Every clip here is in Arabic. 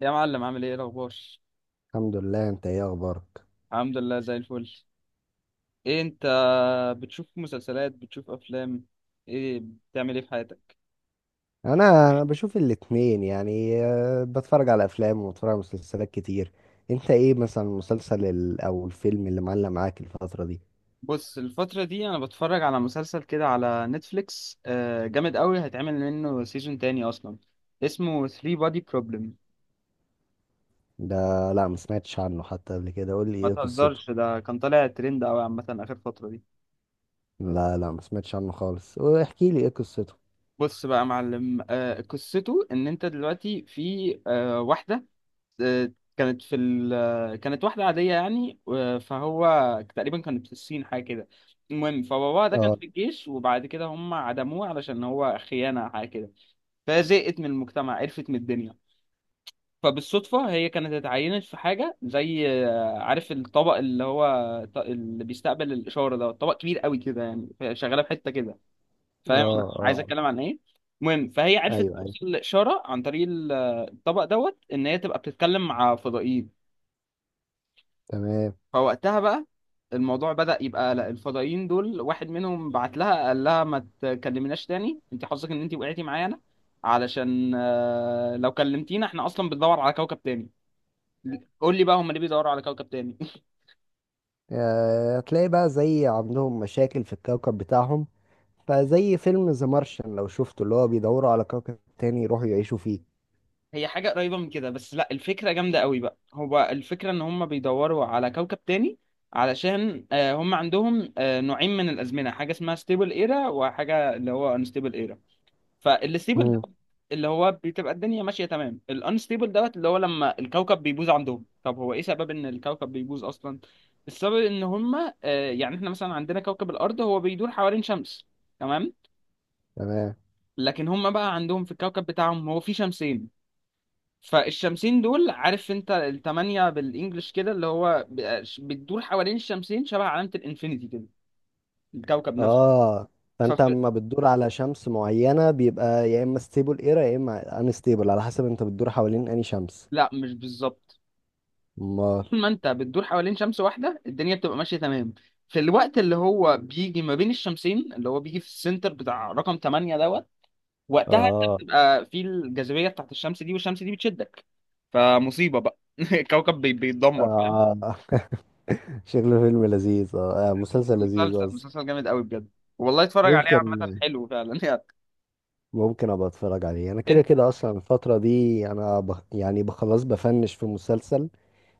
يا معلم، عامل ايه الاخبار؟ الحمد لله. انت ايه اخبارك؟ الحمد لله، زي الفل. ايه انت؟ بتشوف مسلسلات، بتشوف افلام، ايه بتعمل ايه في حياتك؟ انا بشوف الاتنين يعني، بتفرج على افلام وبتفرج على مسلسلات كتير. انت ايه مثلا المسلسل او الفيلم اللي معلق معاك الفترة دي؟ بص، الفترة دي انا بتفرج على مسلسل كده على نتفليكس، جامد قوي هيتعمل منه سيزون تاني اصلا. اسمه 3 بادي بروبلم. ده لا، ما سمعتش عنه حتى قبل كده، قول لي ما ايه قصته. تهزرش، ده كان طالع ترند قوي عامة اخر فترة دي. لا لا، ما سمعتش عنه خالص، واحكي لي ايه قصته. بص بقى يا معلم، قصته ان انت دلوقتي في واحدة. آه، كانت واحدة عادية يعني فهو تقريبا كانت في الصين حاجة كده. المهم فباباها ده كان اه، في الجيش، وبعد كده هم عدموه علشان هو خيانة حاجة كده. فهي زهقت من المجتمع، عرفت من الدنيا. فبالصدفة هي كانت اتعينت في حاجة زي، عارف الطبق اللي هو اللي بيستقبل الإشارة، ده طبق كبير قوي كده يعني، فهي شغالة في حتة كده. اه، فاهم أنا عايز اه. أتكلم عن إيه؟ المهم فهي عرفت ايوه، ايوه. توصل الإشارة عن طريق الطبق دوت إن هي تبقى بتتكلم مع فضائيين. تمام. فوقتها بقى الموضوع بدأ يبقى، لا الفضائيين دول واحد منهم بعت لها قال لها ما تكلمناش تاني، انت حظك ان انت وقعتي معانا. علشان لو كلمتينا احنا اصلا بندور على كوكب تاني. قول لي بقى، هم ليه بيدوروا على كوكب تاني؟ هتلاقي بقى زي عندهم مشاكل في الكوكب بتاعهم، فزي فيلم ذا مارشن لو شفته، اللي هو بيدوروا على كوكب تاني يروحوا يعيشوا فيه. هي حاجة قريبة من كده، بس لا الفكرة جامدة قوي بقى، هو الفكرة ان هم بيدوروا على كوكب تاني علشان هم عندهم نوعين من الأزمنة. حاجة اسمها ستيبل ايرا، وحاجة اللي هو انستيبل ايرا. فالستيبل ده مم. اللي هو بتبقى الدنيا ماشيه تمام، الانستيبل دوت اللي هو لما الكوكب بيبوظ عندهم. طب هو ايه سبب ان الكوكب بيبوظ اصلا؟ السبب ان هما، يعني احنا مثلا عندنا كوكب الارض، هو بيدور حوالين شمس. تمام. تمام. لكن هما بقى عندهم في الكوكب بتاعهم هو في شمسين. فالشمسين دول، عارف انت التمانية بالانجلش كده، اللي هو بتدور حوالين الشمسين شبه علامة الانفينيتي كده، الكوكب نفسه. اه. فانت فف... اما بتدور على شمس معينة بيبقى يا اما ستيبل ايرا يا اما انستيبل، على حسب انت بتدور حوالين انهي شمس. لا مش بالظبط. امال. طول ما انت بتدور حوالين شمس واحده الدنيا بتبقى ماشيه تمام. في الوقت اللي هو بيجي ما بين الشمسين، اللي هو بيجي في السنتر بتاع رقم 8 دوت، وقتها انت اه، بتبقى في الجاذبيه بتاعت الشمس دي والشمس دي بتشدك. فمصيبه بقى الكوكب بيتدمر. اه. شكله فيلم لذيذ. اه، مسلسل لذيذ مسلسل قصدي. مسلسل جامد قوي بجد، والله اتفرج عليه. عامه ممكن، حلو فعلا يعني. ممكن ابقى اتفرج عليه. انا كده انت كده اصلا الفترة دي انا يعني بخلص بفنش في مسلسل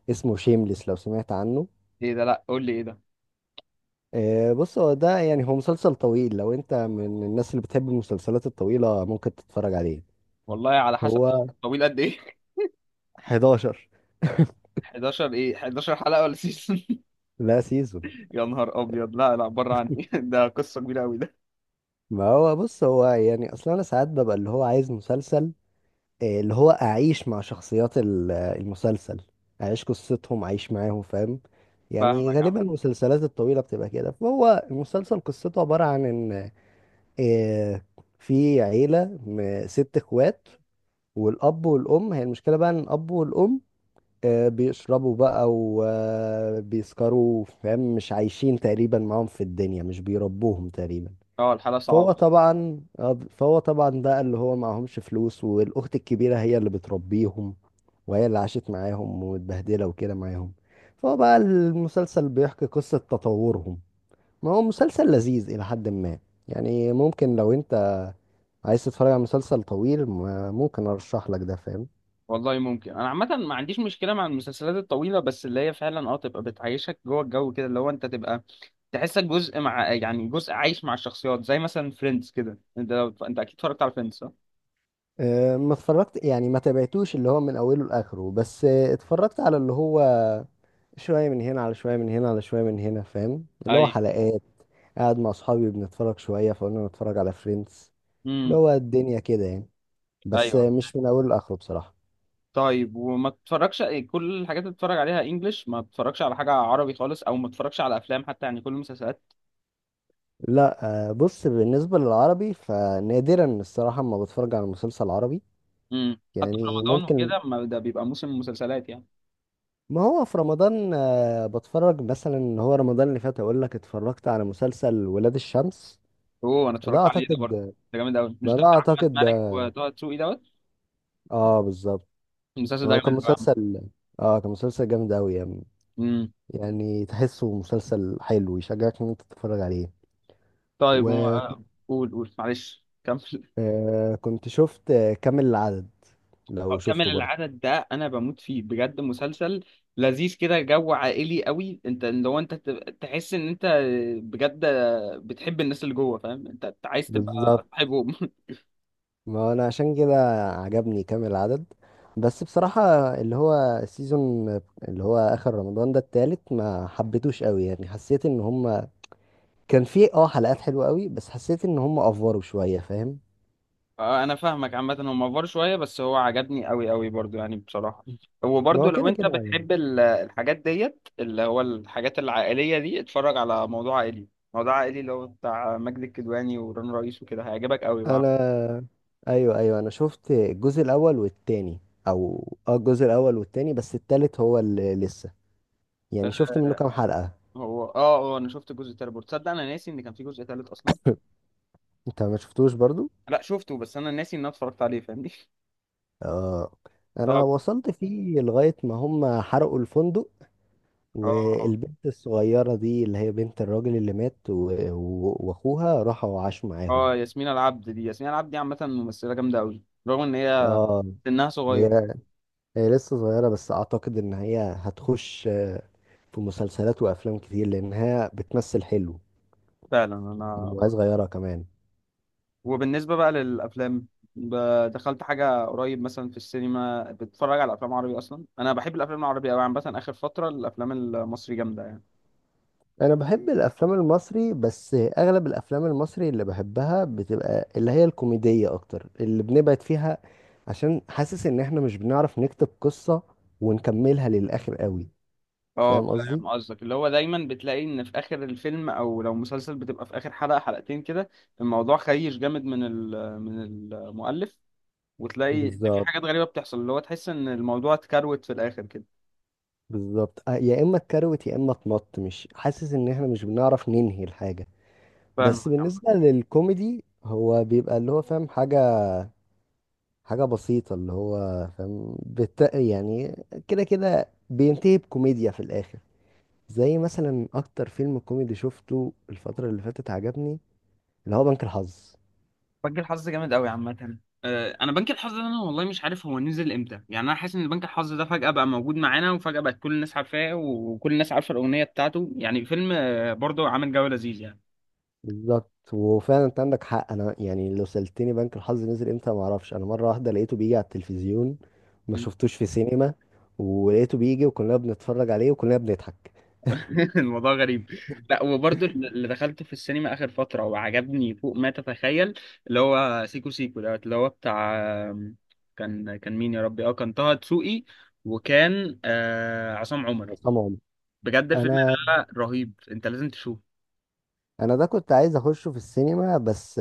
اسمه شيمليس، لو سمعت عنه. ايه ده؟ لا قول لي ايه ده. بص، هو ده، يعني هو مسلسل طويل. لو انت من الناس اللي بتحب المسلسلات الطويلة ممكن تتفرج عليه. والله على حسب. هو طويل قد ايه؟ 11. 11؟ ايه، 11 حلقه ولا سيزون؟ لا، سيزون. يا نهار ابيض، لا لا، بره عني ده قصه كبيره قوي ده. ما هو بص، هو يعني اصلا انا ساعات ببقى اللي هو عايز مسلسل، اللي هو اعيش مع شخصيات المسلسل، اعيش قصتهم، اعيش معاهم، فاهم؟ يعني فاهمك يا غالبا عم. المسلسلات الطويلة بتبقى كده. فهو المسلسل قصته عبارة عن ان آه، في عيلة ست اخوات، والاب والام. هي المشكلة بقى ان الاب والام بيشربوا بقى وبيسكروا، فاهم؟ مش عايشين تقريبا معاهم في الدنيا، مش بيربوهم تقريبا. اه، الحلقه فهو صعبه. طبعا فهو طبعا ده اللي هو معهمش فلوس، والاخت الكبيره هي اللي بتربيهم، وهي اللي عاشت معاهم ومتبهدله وكده معاهم. فهو بقى المسلسل بيحكي قصه تطورهم. ما هو مسلسل لذيذ الى حد ما، يعني. ممكن لو انت عايز تتفرج على مسلسل طويل ممكن ارشح لك ده، فاهم؟ والله ممكن، انا عامه ما عنديش مشكله مع المسلسلات الطويله، بس اللي هي فعلا تبقى بتعيشك جوه الجو كده، اللي هو انت تبقى تحسك جزء، مع يعني جزء عايش مع الشخصيات، زي مثلا فريندز كده. انت اكيد اتفرجت على فريندز، صح؟ أه، ما اتفرجت، يعني ما تابعتوش اللي هو من اوله لاخره، بس أه، اتفرجت على اللي هو شوية من هنا على شوية من هنا على شوية من هنا، فاهم؟ اللي هو ايوه، حلقات. قاعد مع أصحابي بنتفرج شوية فقلنا نتفرج على فريندز، اللي امم هو الدنيا كده يعني. بس ايوه. مش من أوله لآخره بصراحة. طيب، وما تتفرجش؟ كل الحاجات اللي بتتفرج عليها انجلش، ما تتفرجش على حاجه عربي خالص؟ او ما تتفرجش على افلام حتى؟ يعني كل المسلسلات. لا. بص، بالنسبة للعربي فنادرا الصراحة ما بتفرج على مسلسل عربي. حتى في يعني رمضان ممكن، وكده؟ ما ده بيبقى موسم مسلسلات يعني. ما هو في رمضان بتفرج. مثلا هو رمضان اللي فات أقول لك اتفرجت على مسلسل ولاد الشمس. اوه، انا ده اتفرجت عليه ده برضه. أعتقد، ده جامد قوي، مش ما ده ده بتاع احمد أعتقد مالك ده- وطه دسوقي دوت؟ اه، بالظبط. المسلسل ده هو كان جامد قوي. مسلسل، اه، كان مسلسل جامد أوي يعني. امم يعني تحسه مسلسل حلو، يشجعك ان انت تتفرج عليه. طيب، وكنت قول قول، معلش كمل. شفت كامل العدد، لو كمل شفته برضه. العدد، ده انا بموت فيه بجد، مسلسل لذيذ كده، جو عائلي قوي. انت لو انت تحس ان انت بجد بتحب الناس اللي جوه، فاهم أنت عايز تبقى بالظبط، صاحبهم. ما انا عشان كده عجبني كامل العدد. بس بصراحة اللي هو السيزون اللي هو اخر رمضان ده، التالت، ما حبيتوش قوي يعني. حسيت ان هم كان فيه اه حلقات حلوة قوي، بس حسيت ان هم افوروا شوية، فاهم؟ انا فاهمك. عامه هو مفر شويه، بس هو عجبني قوي قوي برضو يعني بصراحه. ما وبرضو هو لو كده انت كده يعني. بتحب الحاجات ديت، اللي هو الحاجات العائليه دي، اتفرج على موضوع عائلي. موضوع عائلي اللي هو بتاع ماجد الكدواني ورن رئيس وكده، هيعجبك قوي بقى. انا، ايوه، ايوه، انا شفت الجزء الاول والتاني، او اه الجزء الاول والتاني، بس التالت هو اللي لسه، يعني شفت منه كام حلقة. هو اه اه، انا شفت الجزء التالت برضه، تصدق انا ناسي ان كان في جزء تالت اصلا. انت ما شفتوش برضو؟ لا شفته، بس انا ناسي ان انا اتفرجت عليه، فاهمني اه. انا طب، وصلت فيه لغاية ما هم حرقوا الفندق، اه اه، والبنت الصغيرة دي اللي هي بنت الراجل اللي مات واخوها راحوا عاشوا معاهم. ياسمين العبد دي، ياسمين العبد دي عامه ممثله جامده قوي رغم ان هي اه. سنها هي صغير. هي لسه صغيرة، بس اعتقد ان هي هتخش في مسلسلات وافلام كتير لانها بتمثل حلو، فعلا. انا وهي صغيرة كمان. وبالنسبه بقى للافلام، دخلت حاجه قريب مثلا في السينما، بتتفرج على افلام عربي اصلا؟ انا بحب الافلام العربي قوي. عامه اخر فتره الافلام المصري جامده يعني. أنا بحب الأفلام المصري، بس أغلب الأفلام المصري اللي بحبها بتبقى اللي هي الكوميدية أكتر، اللي بنبعد فيها عشان حاسس إن إحنا مش بنعرف نكتب قصة ونكملها للآخر قوي، اه، فاهم قصدي؟ فاهم قصدك، اللي هو دايما بتلاقي ان في اخر الفيلم، او لو مسلسل بتبقى في اخر حلقة حلقتين كده، الموضوع خيش جامد من من المؤلف، وتلاقي ان في بالظبط، حاجات غريبة بتحصل اللي هو تحس ان الموضوع اتكروت في الاخر كده. بالظبط. يا إما اتكروت يا إما اتمط. مش حاسس إن إحنا مش بنعرف ننهي الحاجة. فاهمك بس يا عم. بالنسبة للكوميدي هو بيبقى اللي هو فاهم حاجة، حاجة بسيطة اللي هو فاهم يعني كده كده بينتهي بكوميديا في الآخر. زي مثلا أكتر فيلم كوميدي شفته الفترة اللي فاتت عجبني اللي هو بنك الحظ. بنك الحظ جامد قوي عامة. انا بنك الحظ ده انا والله مش عارف هو نزل امتى يعني. انا حاسس ان بنك الحظ ده فجأة بقى موجود معانا، وفجأة بقت كل الناس عارفاه وكل الناس عارفة الأغنية بتاعته. يعني فيلم برضه عامل جو لذيذ بالظبط، وفعلا انت عندك حق. انا يعني لو سألتني بنك الحظ نزل امتى ما اعرفش. انا مرة واحدة لقيته بيجي على التلفزيون، ما يعني. شفتوش في سينما، ولقيته بيجي وكلنا بنتفرج عليه وكلنا بنضحك. الموضوع غريب. لا، وبرضه اللي دخلته في السينما اخر فتره وعجبني فوق ما تتخيل، اللي هو سيكو سيكو دوت اللي هو بتاع، كان مين يا ربي؟ اه، كان طه دسوقي، وكان عصام عمر. طبعا. بجد الفيلم انا ده رهيب، انت لازم تشوفه. انا ده كنت عايز اخشه في السينما، بس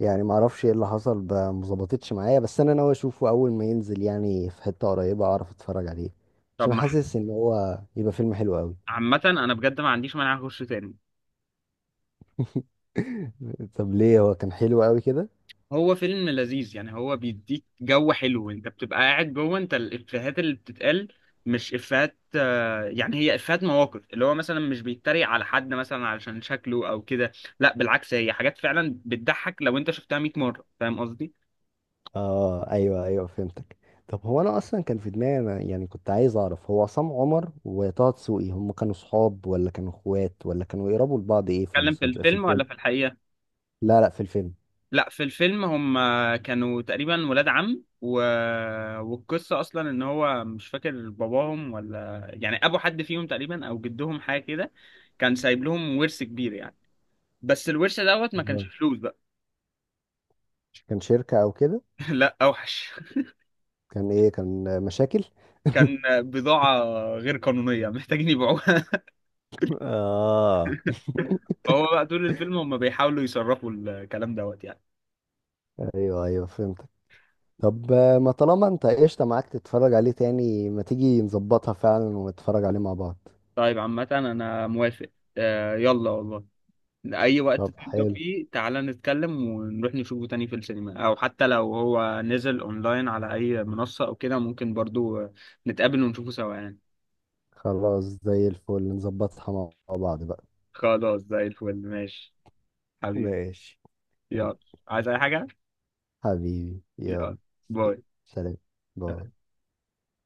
يعني ما اعرفش ايه اللي حصل، ما ظبطتش معايا. بس انا ناوي اشوفه اول ما ينزل، يعني في حتة قريبة اعرف اتفرج عليه، طب عشان ما، حاسس ان هو يبقى فيلم حلو قوي. عامه انا بجد ما عنديش مانع اخش تاني. طب ليه؟ هو كان حلو قوي كده؟ هو فيلم لذيذ يعني، هو بيديك جو حلو، انت بتبقى قاعد جوه انت، الافيهات اللي بتتقال، مش افيهات يعني، هي افيهات مواقف، اللي هو مثلا مش بيتريق على حد مثلا علشان شكله او كده، لا بالعكس هي حاجات فعلا بتضحك لو انت شفتها 100 مرة. فاهم قصدي؟ اه، ايوه، ايوه، فهمتك. طب هو انا اصلا كان في دماغي انا، يعني كنت عايز اعرف، هو عصام عمر وطه دسوقي هم كانوا صحاب ولا كانوا اخوات ولا كانوا يقربوا لبعض ايه، في اتكلم في المسلسل، في الفيلم الفيلم؟ ولا في الحقيقة؟ لا لا، في الفيلم. لا في الفيلم هم كانوا تقريبا ولاد عم والقصة اصلا ان هو مش فاكر باباهم، ولا يعني ابو حد فيهم تقريبا، او جدهم حاجة كده. كان سايب لهم ورث كبير يعني، بس الورث دوت ما كانش آه. فلوس بقى. كان شركة او كده؟ لا اوحش. كان ايه؟ كان مشاكل؟ كان بضاعة غير قانونية محتاجين يبيعوها اه، فهو بقى طول الفيلم هم بيحاولوا يصرفوا الكلام دوت يعني. ايوه، ايوه، فهمت. طب ما طالما انت قشطة معاك تتفرج عليه تاني، ما تيجي نظبطها فعلا ونتفرج عليه مع بعض. طيب، عامة انا موافق. آه يلا والله. اي وقت طب تبدأ حلو. فيه تعالى نتكلم، ونروح نشوفه تاني في السينما، او حتى لو هو نزل اونلاين على اي منصة او كده، ممكن برضو نتقابل ونشوفه سوا يعني. خلاص، زي الفل، نظبطها مع بعض بقى. خلاص زي الفل، ماشي حبيبي ماشي. يلا. عايز اي حاجة؟ حبيبي، يلا، يلا. باي. سلام. باي.